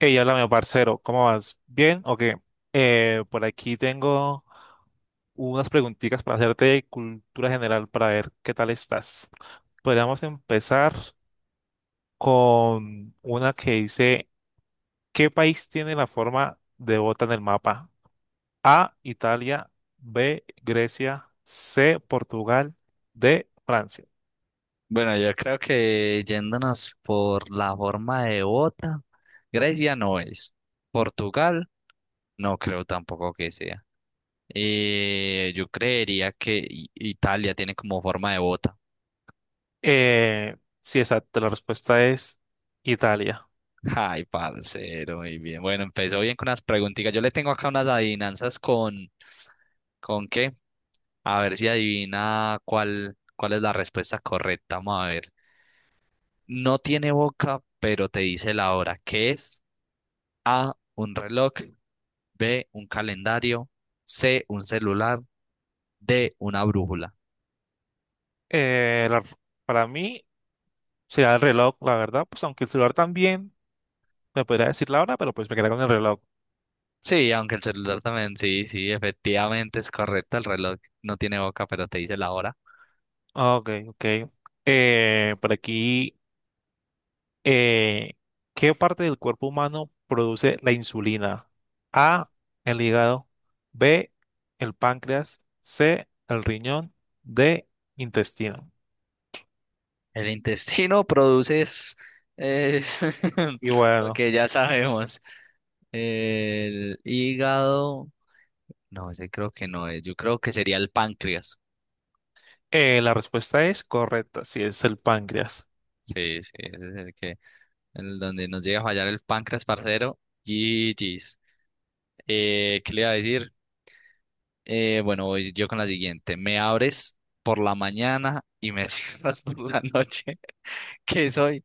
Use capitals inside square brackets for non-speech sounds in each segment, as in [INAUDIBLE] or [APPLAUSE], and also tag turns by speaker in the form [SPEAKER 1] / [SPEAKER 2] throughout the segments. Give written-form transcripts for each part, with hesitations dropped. [SPEAKER 1] Hey, háblame, parcero, ¿cómo vas? ¿Bien o qué? Por aquí tengo unas preguntitas para hacerte de cultura general para ver qué tal estás. Podríamos empezar con una que dice, ¿qué país tiene la forma de bota en el mapa? A, Italia, B, Grecia, C, Portugal, D, Francia.
[SPEAKER 2] Bueno, yo creo que yéndonos por la forma de bota, Grecia no es. Portugal, no creo tampoco que sea. Yo creería que Italia tiene como forma de bota.
[SPEAKER 1] Sí, exacto, la respuesta es Italia.
[SPEAKER 2] [LAUGHS] Ay, parcero, muy bien. Bueno, empezó bien con unas preguntitas. Yo le tengo acá unas adivinanzas ¿con qué? A ver si adivina cuál es la respuesta correcta. Vamos a ver. No tiene boca, pero te dice la hora. ¿Qué es? A, un reloj. B, un calendario, C, un celular, D, una brújula.
[SPEAKER 1] Eh, la- para mí será el reloj, la verdad, pues aunque el celular también me podría decir la hora, pero pues me quedé con el reloj.
[SPEAKER 2] Sí, aunque el celular también, sí, sí, efectivamente es correcto, el reloj no tiene boca, pero te dice la hora.
[SPEAKER 1] Ah, ok, ok. Por aquí, eh, ¿qué parte del cuerpo humano produce la insulina? A, el hígado, B, el páncreas, C, el riñón, D, intestino.
[SPEAKER 2] El intestino produce es [LAUGHS]
[SPEAKER 1] Y
[SPEAKER 2] lo
[SPEAKER 1] bueno,
[SPEAKER 2] que ya sabemos. El hígado, no, ese creo que no es, yo creo que sería el páncreas.
[SPEAKER 1] la respuesta es correcta, si es el páncreas.
[SPEAKER 2] Sí, sí, ese es el donde nos llega a fallar el páncreas, parcero. GG's. ¿Qué le iba a decir? Bueno, voy yo con la siguiente. Me abres por la mañana y me [LAUGHS] cierras por la noche. ¿Qué soy?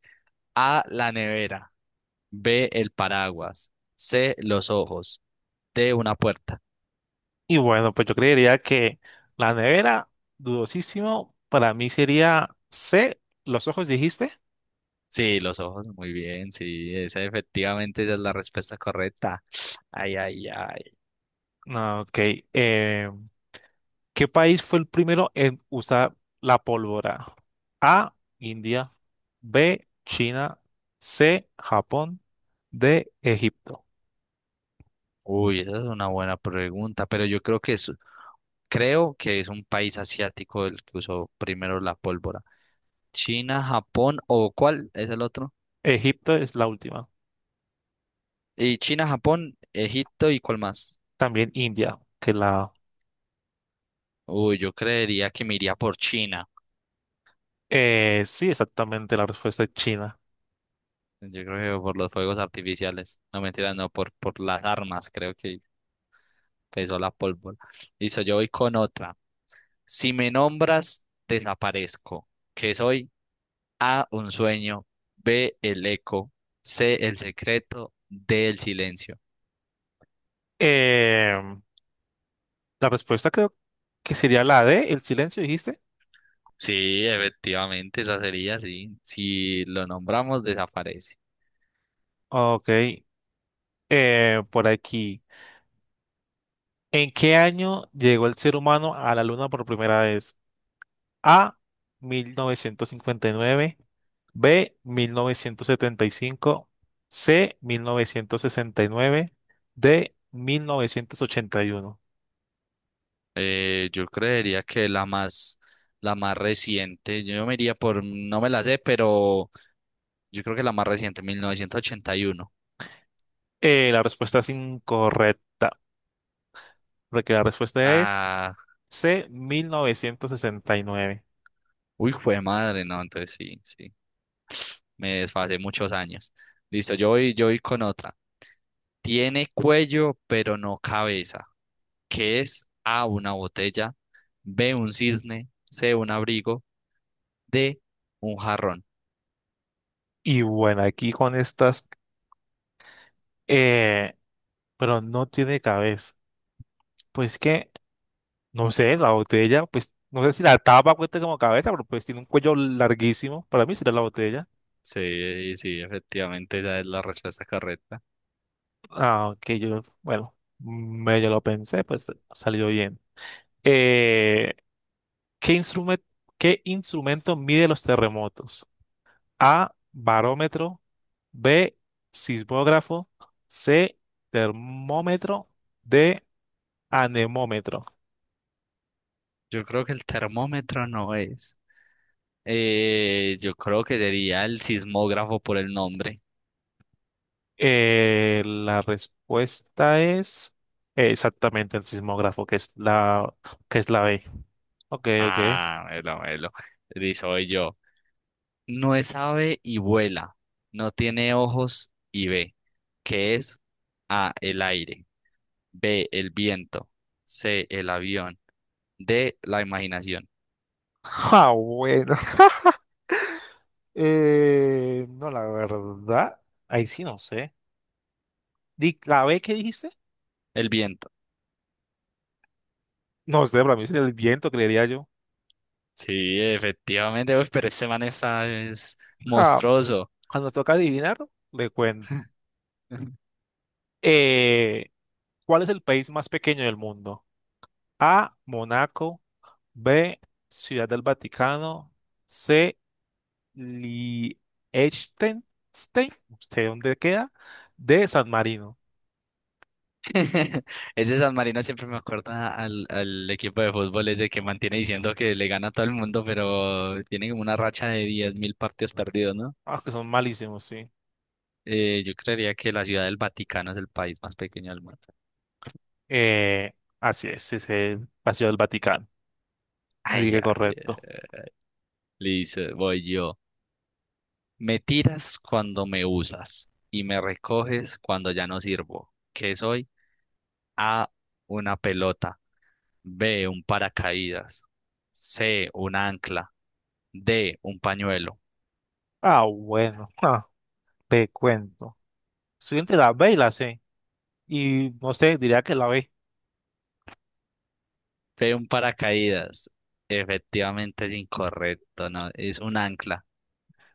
[SPEAKER 2] A, la nevera. B, el paraguas. C, los ojos. D, una puerta.
[SPEAKER 1] Y bueno, pues yo creería que la nevera, dudosísimo, para mí sería C, los ojos dijiste.
[SPEAKER 2] Sí, los ojos, muy bien, sí, esa efectivamente esa es la respuesta correcta. Ay, ay, ay.
[SPEAKER 1] No, ok. eh, ¿Qué país fue el primero en usar la pólvora? A, India, B, China, C, Japón, D, Egipto.
[SPEAKER 2] Uy, esa es una buena pregunta, pero yo creo que es un país asiático el que usó primero la pólvora. China, Japón o ¿cuál es el otro?
[SPEAKER 1] Egipto es la última.
[SPEAKER 2] Y China, Japón, Egipto y ¿cuál más?
[SPEAKER 1] También India, que la.
[SPEAKER 2] Uy, yo creería que me iría por China.
[SPEAKER 1] Sí, exactamente, la respuesta es China.
[SPEAKER 2] Yo creo que por los fuegos artificiales. No, mentira, no, por las armas, creo que pesó la pólvora. Listo, yo voy con otra. Si me nombras, desaparezco. ¿Qué soy? A, un sueño. B, el eco. C, el secreto. D, el silencio.
[SPEAKER 1] Eh, la respuesta creo que sería la D, el silencio dijiste.
[SPEAKER 2] Sí, efectivamente, esa sería, sí. Si lo nombramos, desaparece.
[SPEAKER 1] Ok. Por aquí. ¿En qué año llegó el ser humano a la Luna por primera vez? A, 1959, B, 1975, C, 1969, D, 1981.
[SPEAKER 2] Yo creería que la más reciente, yo me iría por, no me la sé, pero yo creo que la más reciente, 1981.
[SPEAKER 1] La respuesta es incorrecta, porque la respuesta es
[SPEAKER 2] Ah,
[SPEAKER 1] C, 1969. Y nueve.
[SPEAKER 2] uy, fue madre, no, entonces sí, sí, me desfasé muchos años. Listo, yo voy con otra. Tiene cuello, pero no cabeza. ¿Qué es? A, una botella, B, un cisne, C, un abrigo, D, un jarrón.
[SPEAKER 1] Y bueno, aquí con estas, eh, pero no tiene cabeza. Pues que no sé, la botella, pues, no sé si la tapa cuesta como cabeza, pero pues tiene un cuello larguísimo. Para mí será la botella.
[SPEAKER 2] Sí, sí, efectivamente, esa es la respuesta correcta.
[SPEAKER 1] Ah, que yo, bueno, medio lo pensé, pues salió bien. Eh, ¿Qué instrumento, qué instrumento mide los terremotos? A, barómetro, B, sismógrafo, C, termómetro, D, anemómetro.
[SPEAKER 2] Yo creo que el termómetro no es. Yo creo que sería el sismógrafo por el nombre.
[SPEAKER 1] La respuesta es exactamente el sismógrafo, que es la B. Ok, ok.
[SPEAKER 2] Ah, melo, melo. Di, soy yo. No es ave y vuela. No tiene ojos y ve. ¿Qué es? A, el aire. B, el viento. C, el avión. D, la imaginación.
[SPEAKER 1] Ah, bueno. [LAUGHS] No, la verdad. Ahí sí no sé. ¿La B qué dijiste?
[SPEAKER 2] El viento.
[SPEAKER 1] No sé, para mí sería el viento, creería yo.
[SPEAKER 2] Sí, efectivamente, uy, pero este man está es
[SPEAKER 1] Ah,
[SPEAKER 2] monstruoso.
[SPEAKER 1] cuando toca adivinar, le cuento.
[SPEAKER 2] [LAUGHS]
[SPEAKER 1] Eh, ¿Cuál es el país más pequeño del mundo? A, Monaco. B, Ciudad del Vaticano. C. Liechtenstein, no sé dónde queda, de San Marino.
[SPEAKER 2] [LAUGHS] Ese San Marino siempre me acuerda al equipo de fútbol ese que mantiene diciendo que le gana a todo el mundo, pero tiene como una racha de 10.000 partidos perdidos, ¿no?
[SPEAKER 1] Ah, que son malísimos, sí.
[SPEAKER 2] Yo creería que la ciudad del Vaticano es el país más pequeño del mundo.
[SPEAKER 1] Eh, Así es el Paseo del Vaticano. Así
[SPEAKER 2] Ay,
[SPEAKER 1] que
[SPEAKER 2] ay,
[SPEAKER 1] correcto.
[SPEAKER 2] eh. Listo, voy yo. Me tiras cuando me usas y me recoges cuando ya no sirvo. ¿Qué soy? A, una pelota. B, un paracaídas. C, un ancla. D, un pañuelo.
[SPEAKER 1] Ah, bueno, ah, te cuento. Estoy entre la B y la C. Y no sé, diría que la B.
[SPEAKER 2] Fue un paracaídas. Efectivamente es incorrecto, ¿no? Es un ancla,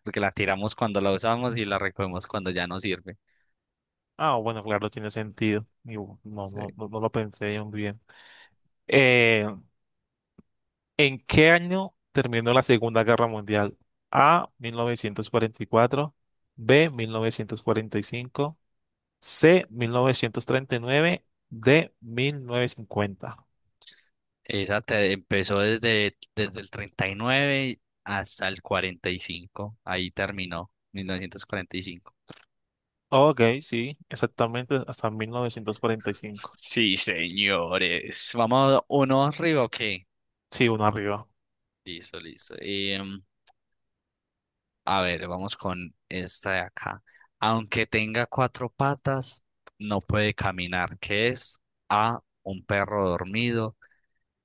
[SPEAKER 2] porque la tiramos cuando la usamos y la recogemos cuando ya no sirve.
[SPEAKER 1] Ah, bueno, claro, tiene sentido. Y no,
[SPEAKER 2] Sí.
[SPEAKER 1] no, no, no lo pensé muy bien. Eh, ¿En qué año terminó la Segunda Guerra Mundial? A, 1944, B, 1945, C, 1939, D, 1950.
[SPEAKER 2] Empezó desde el 39 hasta el 45. Ahí terminó, 1945.
[SPEAKER 1] Ok, sí, exactamente hasta 1945.
[SPEAKER 2] Sí, señores. Vamos uno arriba, ok.
[SPEAKER 1] Sí, uno arriba.
[SPEAKER 2] Listo, listo. A ver, vamos con esta de acá. Aunque tenga cuatro patas, no puede caminar, ¿Qué es? A, un perro dormido,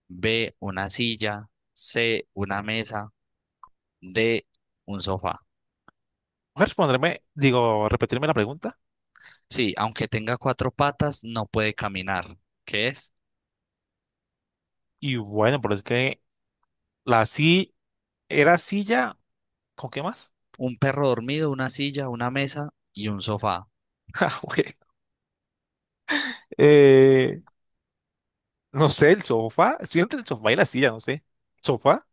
[SPEAKER 2] B, una silla, C, una mesa, D, un sofá.
[SPEAKER 1] Voy responderme, digo, repetirme la pregunta.
[SPEAKER 2] Sí, aunque tenga cuatro patas, no puede caminar, ¿Qué es?
[SPEAKER 1] Y bueno, pero es que la sí era silla, ¿con qué más?
[SPEAKER 2] Un perro dormido, una silla, una mesa y un sofá.
[SPEAKER 1] [LAUGHS] Ah, güey. Eh, no sé, el sofá. Estoy entre el sofá y la silla, no sé. Sofá.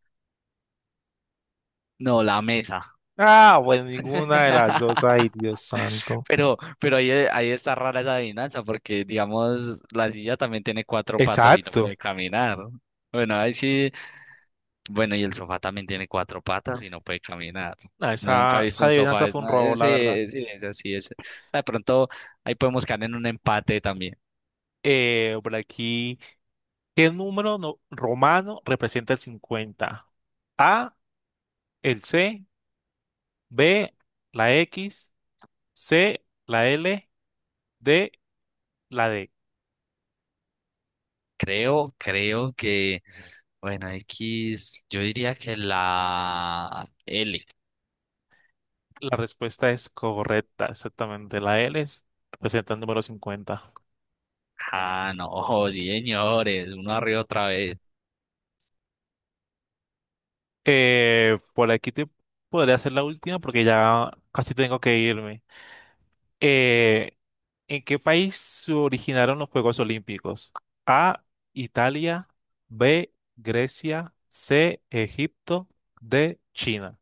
[SPEAKER 2] No, la mesa.
[SPEAKER 1] Ah, bueno, ninguna de las
[SPEAKER 2] [LAUGHS]
[SPEAKER 1] dos. Ay, Dios santo.
[SPEAKER 2] Pero ahí, ahí está rara esa adivinanza, porque digamos, la silla también tiene cuatro patas y no
[SPEAKER 1] Exacto.
[SPEAKER 2] puede caminar. Bueno, ahí sí, bueno, y el sofá también tiene cuatro patas y no puede caminar.
[SPEAKER 1] Ah,
[SPEAKER 2] No, nunca
[SPEAKER 1] esa,
[SPEAKER 2] he visto
[SPEAKER 1] esa
[SPEAKER 2] un
[SPEAKER 1] adivinanza
[SPEAKER 2] sofá.
[SPEAKER 1] fue un
[SPEAKER 2] No,
[SPEAKER 1] robo, la verdad.
[SPEAKER 2] ese, sí, ese. O sea, de pronto ahí podemos caer en un empate también.
[SPEAKER 1] Por aquí, ¿qué número romano representa el 50? A, el C, B, la X, C, la L, D, D.
[SPEAKER 2] Creo que, bueno, X, yo diría que la L.
[SPEAKER 1] La respuesta es correcta, exactamente. La L es- representa el número 50.
[SPEAKER 2] Ah, no, [LAUGHS] señores, uno arriba otra vez.
[SPEAKER 1] Por aquí te podría hacer la última porque ya casi tengo que irme. Eh, ¿En qué país se originaron los Juegos Olímpicos? A, Italia, B, Grecia, C, Egipto, D, China.